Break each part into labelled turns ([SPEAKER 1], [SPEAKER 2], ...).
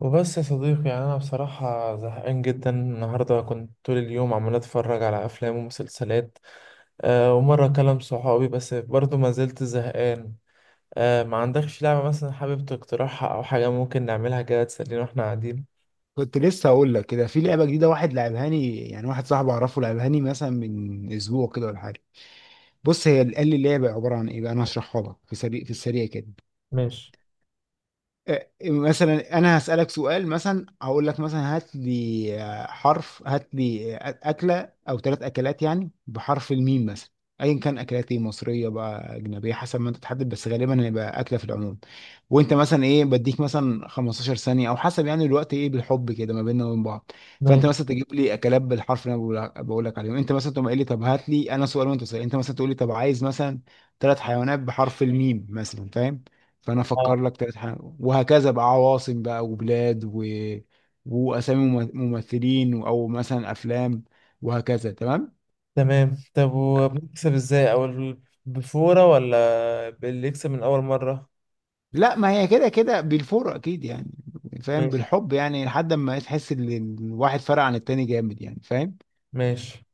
[SPEAKER 1] وبس يا صديقي، يعني أنا بصراحة زهقان جدا النهاردة. كنت طول اليوم عمال أتفرج على أفلام ومسلسلات. أه ومرة أكلم صحابي بس برضه ما زلت زهقان. أه ما عندكش لعبة مثلا حابب تقترحها أو حاجة ممكن نعملها كده تسلينا وإحنا قاعدين؟
[SPEAKER 2] كنت لسه هقول لك كده في لعبه جديده واحد لعبهاني، يعني واحد صاحبي اعرفه لعبهاني مثلا من اسبوع كده ولا حاجه. بص، هي قال لي اللعبه عباره عن ايه بقى. انا هشرحها لك في السريع كده.
[SPEAKER 1] ماشي
[SPEAKER 2] مثلا انا هسألك سؤال، مثلا هقول لك مثلا هات لي، حرف، هات لي اكلة او ثلاث اكلات، يعني بحرف الميم مثلا. ايا كان، اكلات ايه، مصرية بقى اجنبية، حسب ما انت تحدد، بس غالبا هيبقى اكلة في العموم. وانت مثلا ايه، بديك مثلا 15 ثانية، او حسب يعني الوقت ايه بالحب كده ما بيننا وبين بعض. فانت
[SPEAKER 1] ماشي.
[SPEAKER 2] مثلا تجيب لي اكلات بالحرف اللي انا بقول لك عليهم. انت مثلا تقوم قايل لي طب هات لي انا سؤال وانت سؤال، انت مثلا تقول لي طب عايز مثلا ثلاث حيوانات بحرف الميم مثلا، فاهم؟ فانا
[SPEAKER 1] آه.
[SPEAKER 2] افكر لك ثلاث حاجات، وهكذا بقى، عواصم بقى وبلاد واسامي ممثلين او مثلا افلام، وهكذا، تمام؟
[SPEAKER 1] تمام. طب وبنكسب إزاي أو بفورة ولا باللي يكسب من أول مرة؟
[SPEAKER 2] لا، ما هي كده كده بالفور اكيد يعني، فاهم؟
[SPEAKER 1] ماشي
[SPEAKER 2] بالحب يعني، لحد ما تحس ان الواحد فرق عن التاني جامد، يعني فاهم.
[SPEAKER 1] ماشي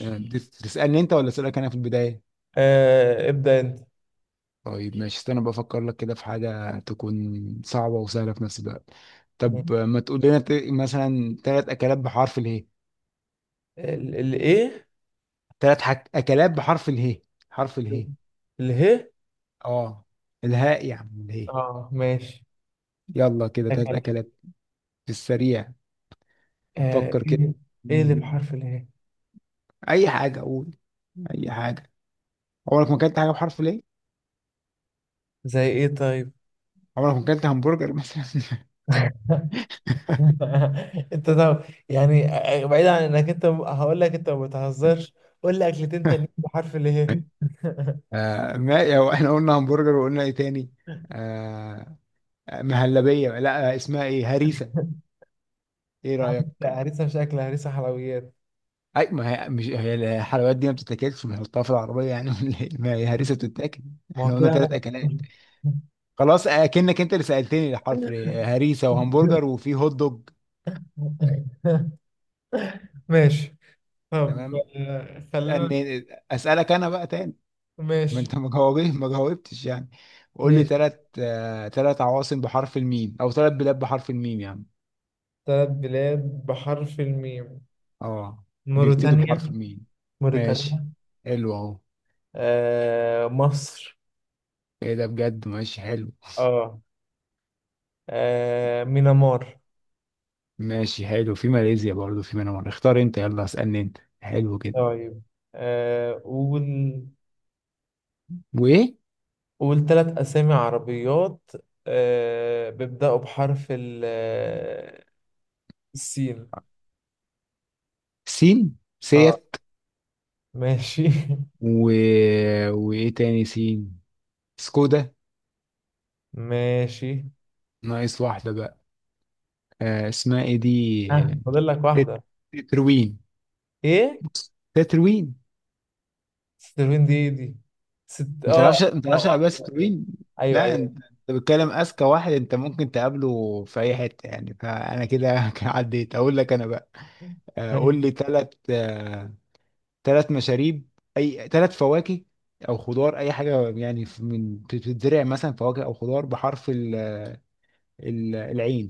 [SPEAKER 2] تسالني انت ولا اسالك انا في البدايه؟
[SPEAKER 1] أه ابدأ أنت.
[SPEAKER 2] طيب ماشي، استنى بفكر لك كده في حاجه تكون صعبه وسهله في نفس الوقت. طب،
[SPEAKER 1] ماشي.
[SPEAKER 2] ما تقول لنا مثلا ثلاث اكلات بحرف اله.
[SPEAKER 1] الإيه؟
[SPEAKER 2] ثلاث اكلات بحرف اله، حرف اله.
[SPEAKER 1] اله.
[SPEAKER 2] اه. الهاء يا عم، الهاء.
[SPEAKER 1] اه ماشي.
[SPEAKER 2] يلا كده،
[SPEAKER 1] ده
[SPEAKER 2] تلات
[SPEAKER 1] كلام.
[SPEAKER 2] اكلات في السريع،
[SPEAKER 1] آه
[SPEAKER 2] نفكر كده.
[SPEAKER 1] ايه. إيه اللي
[SPEAKER 2] مم.
[SPEAKER 1] بحرف اله؟
[SPEAKER 2] اي حاجه قول، اي حاجه. عمرك ما اكلت حاجه بحرف ليه؟
[SPEAKER 1] زي ايه طيب؟
[SPEAKER 2] عمرك ما اكلت همبرجر مثلا؟
[SPEAKER 1] انت ده، يعني بعيد عن انك انت هقول لك انت ما بتهزرش. قول لي اكلتين تانيين بحرف اله.
[SPEAKER 2] ما هو احنا قلنا همبرجر، وقلنا ايه تاني؟ آه مهلبيه، لا، اسمها ايه، هريسه. ايه رايك؟
[SPEAKER 1] هريسه مش اكل، هريسه حلويات.
[SPEAKER 2] اي، ما هي مش هي الحلويات دي ما بتتاكلش، ما هي في العربيه يعني، ولا إيه؟ ما هي هريسه بتتاكل.
[SPEAKER 1] ما هو
[SPEAKER 2] احنا قلنا
[SPEAKER 1] كده انا
[SPEAKER 2] ثلاث
[SPEAKER 1] بقى.
[SPEAKER 2] اكلات. خلاص، اكنك انت اللي سالتني الحرف ليه. هريسه وهمبرجر وفي هوت دوج.
[SPEAKER 1] ماشي. طب
[SPEAKER 2] تمام.
[SPEAKER 1] خلينا.
[SPEAKER 2] أن- اسالك انا بقى تاني. ما
[SPEAKER 1] ماشي
[SPEAKER 2] انت ما جاوبت ما جاوبتش يعني. قول لي
[SPEAKER 1] ماشي.
[SPEAKER 2] ثلاث، ثلاث عواصم بحرف الميم او ثلاث بلاد بحرف الميم يعني.
[SPEAKER 1] ثلاث بلاد بحرف الميم.
[SPEAKER 2] اه، بيبتدوا بحرف
[SPEAKER 1] موريتانيا
[SPEAKER 2] الميم. ماشي،
[SPEAKER 1] موريتانيا
[SPEAKER 2] حلو اهو.
[SPEAKER 1] آه مصر.
[SPEAKER 2] ايه ده بجد، ماشي حلو.
[SPEAKER 1] اه. مينامار.
[SPEAKER 2] ماشي، حلو، في ماليزيا برضو، في منامار. اختار انت، يلا اسالني انت، حلو كده.
[SPEAKER 1] طيب قول.
[SPEAKER 2] وايه؟
[SPEAKER 1] قول ثلاث أسامي عربيات بيبدأوا بحرف السين.
[SPEAKER 2] سين،
[SPEAKER 1] اه
[SPEAKER 2] سيت
[SPEAKER 1] ماشي
[SPEAKER 2] و... وايه تاني سين؟ سكودا.
[SPEAKER 1] ماشي.
[SPEAKER 2] ناقص واحدة بقى. آه، اسمها ايه دي، آه،
[SPEAKER 1] ها فاضل لك
[SPEAKER 2] تت-
[SPEAKER 1] واحدة.
[SPEAKER 2] تتروين.
[SPEAKER 1] ايه؟
[SPEAKER 2] تتروين.
[SPEAKER 1] ستيرفين دي. ست
[SPEAKER 2] ما تعرفش، ما
[SPEAKER 1] اه.
[SPEAKER 2] تعرفش
[SPEAKER 1] آه.
[SPEAKER 2] عربية
[SPEAKER 1] أيوة، أيوة.
[SPEAKER 2] تتروين؟
[SPEAKER 1] ايوه
[SPEAKER 2] لا،
[SPEAKER 1] ايوه.
[SPEAKER 2] انت بتتكلم اذكى واحد انت ممكن تقابله في اي حتة، يعني فانا كده عديت. اقول لك انا بقى، قول لي
[SPEAKER 1] ماشي.
[SPEAKER 2] ثلاث، ثلاث مشاريب، اي ثلاث فواكه، او خضار، اي حاجة يعني من بتتزرع، مثلا فواكه او خضار بحرف العين.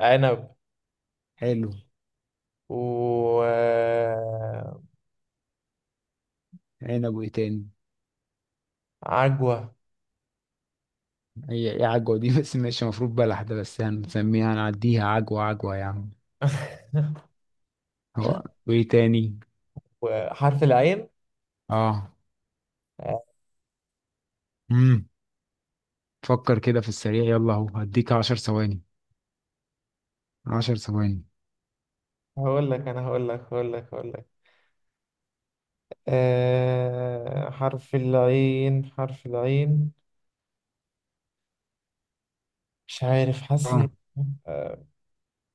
[SPEAKER 1] عنب
[SPEAKER 2] حلو.
[SPEAKER 1] و
[SPEAKER 2] عنب، وايه تاني؟
[SPEAKER 1] عجوة.
[SPEAKER 2] هي ايه عجوة دي؟ بس ماشي، المفروض بلح ده، بس هنسميها، هنعديها، عجوة عجوة يا عم. هو، وايه تاني؟
[SPEAKER 1] وحرف العين.
[SPEAKER 2] اه. امم فكر كده في السريع، يلا، اهو هديك عشر ثواني، عشر ثواني.
[SPEAKER 1] هقول لك انا. هقول لك هقول لك آه حرف العين مش عارف حاسس
[SPEAKER 2] اه.
[SPEAKER 1] آه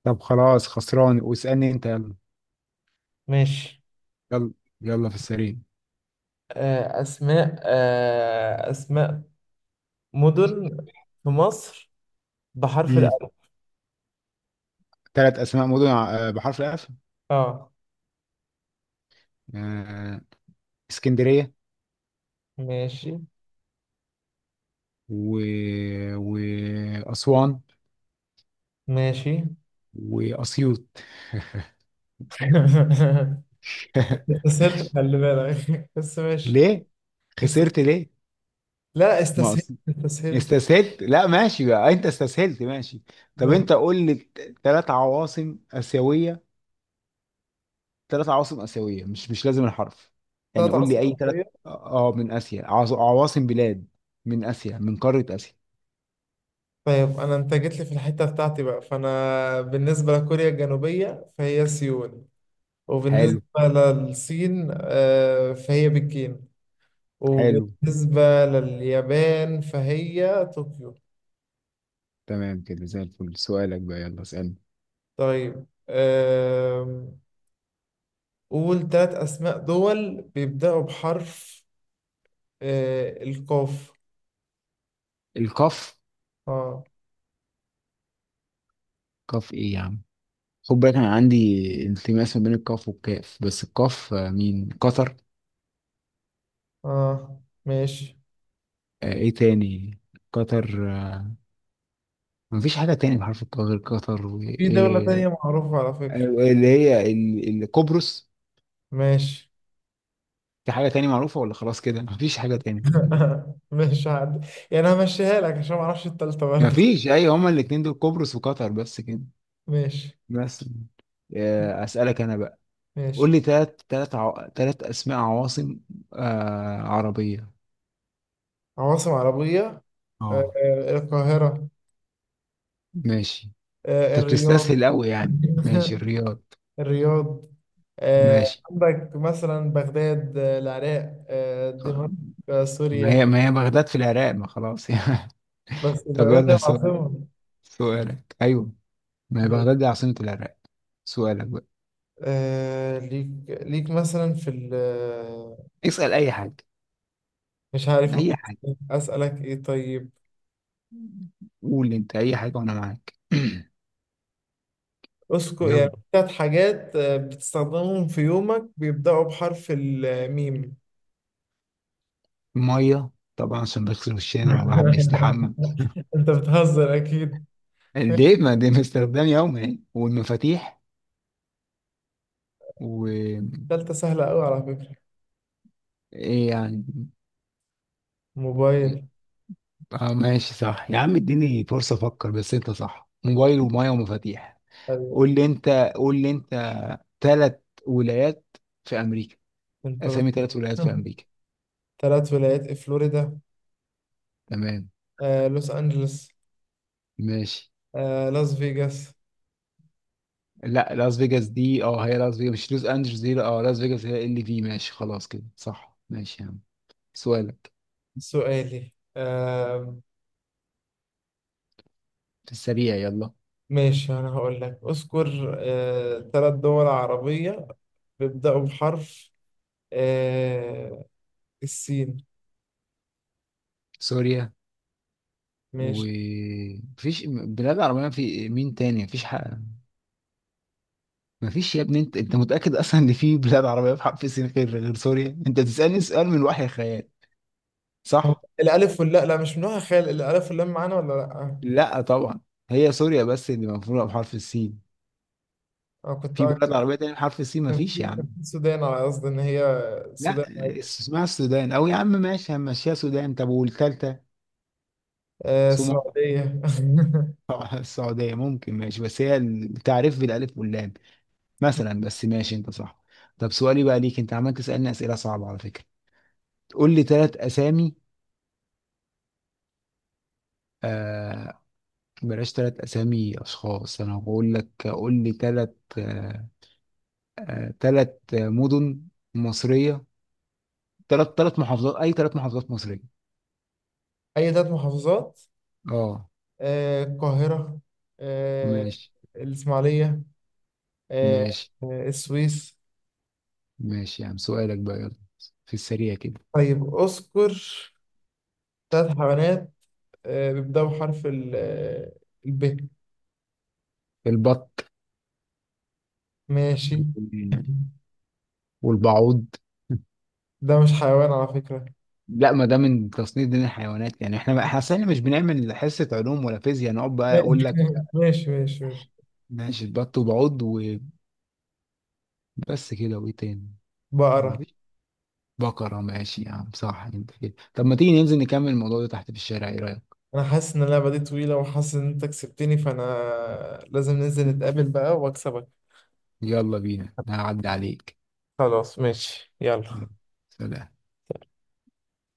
[SPEAKER 2] طب خلاص، خسران، واسألني انت يلا.
[SPEAKER 1] ماشي.
[SPEAKER 2] يلا، يلا في السريع.
[SPEAKER 1] آه اسماء. آه اسماء مدن في مصر بحرف
[SPEAKER 2] امم
[SPEAKER 1] الألف.
[SPEAKER 2] ثلاث اسماء مدن بحرف الاف.
[SPEAKER 1] اه
[SPEAKER 2] آه، اسكندرية
[SPEAKER 1] ماشي.
[SPEAKER 2] و... واسوان
[SPEAKER 1] ماشي
[SPEAKER 2] واسيوط.
[SPEAKER 1] استسهلت، خلي بالك بس ماشي.
[SPEAKER 2] ليه
[SPEAKER 1] است...
[SPEAKER 2] خسرت ليه؟
[SPEAKER 1] لا،
[SPEAKER 2] ما
[SPEAKER 1] استسهلت
[SPEAKER 2] أص...
[SPEAKER 1] استسهلت
[SPEAKER 2] استسهلت؟ لا ماشي بقى، انت استسهلت ماشي. طب
[SPEAKER 1] ماشي.
[SPEAKER 2] انت قول لي ثلاث عواصم اسيويه، مش مش لازم الحرف يعني،
[SPEAKER 1] ثلاث
[SPEAKER 2] قول
[SPEAKER 1] عواصم.
[SPEAKER 2] لي اي ثلاث. اه، من اسيا، عواصم بلاد من اسيا، من قاره اسيا.
[SPEAKER 1] طيب انا، انت جيت لي في الحته بتاعتي بقى، فانا بالنسبه لكوريا الجنوبيه فهي سيول، وبالنسبه
[SPEAKER 2] حلو.
[SPEAKER 1] للصين فهي بكين،
[SPEAKER 2] حلو.
[SPEAKER 1] وبالنسبه لليابان فهي طوكيو.
[SPEAKER 2] تمام كده زي الفل. سؤالك بقى يلا، اسالني.
[SPEAKER 1] طيب قول ثلاث اسماء دول بيبداوا بحرف القاف.
[SPEAKER 2] القاف.
[SPEAKER 1] اه
[SPEAKER 2] قاف ايه يا عم؟ خد بالك انا عندي انتماس ما بين القاف والكاف. بس القاف، مين، قطر.
[SPEAKER 1] اه ماشي.
[SPEAKER 2] ايه تاني؟ قطر، مفيش حاجه تاني بحرف القاف غير قطر،
[SPEAKER 1] في دوله
[SPEAKER 2] وايه
[SPEAKER 1] تانية معروفه على فكره.
[SPEAKER 2] اللي هي القبرص.
[SPEAKER 1] ماشي
[SPEAKER 2] في حاجة تاني معروفة ولا خلاص كده مفيش حاجة تاني تاني؟
[SPEAKER 1] ماشي عادي، يعني انا همشيها لك عشان ما اعرفش التالتة برضه.
[SPEAKER 2] مفيش. أي، هما الاتنين دول، قبرص وقطر، بس كده،
[SPEAKER 1] ماشي
[SPEAKER 2] بس. أسألك أنا بقى. قول
[SPEAKER 1] ماشي.
[SPEAKER 2] لي تلات أسماء عواصم، عربية.
[SPEAKER 1] عواصم عربية.
[SPEAKER 2] اه،
[SPEAKER 1] القاهرة.
[SPEAKER 2] ماشي. أنت
[SPEAKER 1] الرياض.
[SPEAKER 2] بتستسهل أوي يعني. ماشي، الرياض.
[SPEAKER 1] الرياض.
[SPEAKER 2] ماشي،
[SPEAKER 1] عندك مثلا بغداد، العراق،
[SPEAKER 2] خ-
[SPEAKER 1] دمشق،
[SPEAKER 2] ما هي
[SPEAKER 1] سوريا.
[SPEAKER 2] ما هي بغداد في العراق، ما خلاص يعني.
[SPEAKER 1] بس
[SPEAKER 2] طب
[SPEAKER 1] بغداد هي
[SPEAKER 2] يلا سؤال،
[SPEAKER 1] العاصمة.
[SPEAKER 2] سؤالك، أيوه، ما هي
[SPEAKER 1] ماشي.
[SPEAKER 2] بغداد دي عاصمة العراق. سؤالك بقى،
[SPEAKER 1] ليك مثلا في ال آه،
[SPEAKER 2] اسأل أي حاجة،
[SPEAKER 1] مش عارف.
[SPEAKER 2] أي
[SPEAKER 1] ممكن
[SPEAKER 2] حاجة.
[SPEAKER 1] أسألك إيه طيب؟
[SPEAKER 2] قول انت اي حاجه وانا معاك.
[SPEAKER 1] أذكر يعني
[SPEAKER 2] يلا،
[SPEAKER 1] ثلاث حاجات بتستخدمهم في يومك، بيبدأوا بحرف الميم.
[SPEAKER 2] ميه طبعا، عشان بغسل وشنا والواحد بيستحمى.
[SPEAKER 1] انت بتهزر اكيد.
[SPEAKER 2] ليه، ما دي استخدام يومي يعني. والمفاتيح و،
[SPEAKER 1] تالتة سهلة قوي على فكرة.
[SPEAKER 2] ايه يعني؟
[SPEAKER 1] موبايل.
[SPEAKER 2] اه ماشي، صح يا عم، اديني فرصه افكر، بس انت صح، موبايل وميه ومفاتيح.
[SPEAKER 1] ايوه.
[SPEAKER 2] قول لي انت قول لي انت ثلاث ولايات في امريكا،
[SPEAKER 1] انت
[SPEAKER 2] اسامي ثلاث ولايات في امريكا.
[SPEAKER 1] تلات ولايات في فلوريدا.
[SPEAKER 2] تمام.
[SPEAKER 1] لوس انجلوس.
[SPEAKER 2] ماشي،
[SPEAKER 1] لاس فيجاس.
[SPEAKER 2] لا، لاس فيجاس دي، اه هي لاس فيجاس مش لوس انجلوس دي، لا، اه لاس فيجاس، هي ال في، ماشي، خلاص كده صح، ماشي يا عم. سؤالك،
[SPEAKER 1] سؤالي
[SPEAKER 2] في السريع يلا.
[SPEAKER 1] ماشي. انا هقول لك اذكر تلات دول عربية بيبدأوا بحرف آه، السين.
[SPEAKER 2] سوريا و،
[SPEAKER 1] ماشي.
[SPEAKER 2] مفيش بلاد عربية في، مين تاني؟ مفيش، حق. مفيش يا ابني، انت متأكد اصلا ان في بلاد عربية في حرف السين غير، غير سوريا؟ انت بتسألني سؤال من وحي الخيال،
[SPEAKER 1] طب
[SPEAKER 2] صح.
[SPEAKER 1] الألف واللا لا مش من نوع خال، الألف واللام معانا ولا لأ؟
[SPEAKER 2] لا طبعا. هي سوريا بس اللي مفروضة بحرف السين.
[SPEAKER 1] أنا كنت.
[SPEAKER 2] في بلاد عربية تانية بحرف السين
[SPEAKER 1] كان
[SPEAKER 2] مفيش
[SPEAKER 1] في
[SPEAKER 2] يا عم.
[SPEAKER 1] كان في السودان، على قصد ان هي
[SPEAKER 2] لا،
[SPEAKER 1] السودان عادي.
[SPEAKER 2] اسمها السودان، او يا عم ماشي، هنمشيها سودان. طب والتالتة؟
[SPEAKER 1] آه السعودية.
[SPEAKER 2] السعودية ممكن، ماشي، بس هي التعريف بالألف واللام مثلا، بس ماشي أنت صح. طب سؤالي بقى ليك، أنت عمال تسألني أسئلة صعبة على فكرة. قول لي ثلاث أسامي، آه بلاش ثلاث أسامي أشخاص، أنا هقول لك قول لي ثلاث، آه ثلاث مدن مصرية، ثلاث محافظات، أي ثلاث محافظات مصرية.
[SPEAKER 1] اي ثلاث محافظات.
[SPEAKER 2] أه.
[SPEAKER 1] آه القاهرة. آه
[SPEAKER 2] ماشي،
[SPEAKER 1] الاسماعيلية. آه
[SPEAKER 2] ماشي،
[SPEAKER 1] السويس.
[SPEAKER 2] ماشي، يعني سؤالك بقى يلا، في السريع كده.
[SPEAKER 1] طيب اذكر ثلاث حيوانات آه بيبدأوا بحرف ال آه، الب.
[SPEAKER 2] البط
[SPEAKER 1] ماشي
[SPEAKER 2] والبعوض.
[SPEAKER 1] ده مش حيوان على فكرة.
[SPEAKER 2] لا، ما ده من تصنيف دين الحيوانات يعني، احنا أصل إحنا مش بنعمل حصة علوم ولا فيزياء نقعد بقى
[SPEAKER 1] ماشي
[SPEAKER 2] اقول لك.
[SPEAKER 1] ماشي ماشي ماشي.
[SPEAKER 2] ماشي، البط وبعض، وبس كده، وايه تاني؟
[SPEAKER 1] بقرة.
[SPEAKER 2] مفيش. بقرة ماشي يا عم، صح انت كده. طب ما تيجي ننزل نكمل الموضوع ده تحت في الشارع، ايه رأيك؟
[SPEAKER 1] أنا حاسس إن اللعبة دي طويلة وحاسس إن أنت كسبتني، فأنا لازم ننزل نتقابل بقى وأكسبك.
[SPEAKER 2] يلا بينا، هعدي عليك.
[SPEAKER 1] خلاص ماشي يلا.
[SPEAKER 2] يلا. سلام.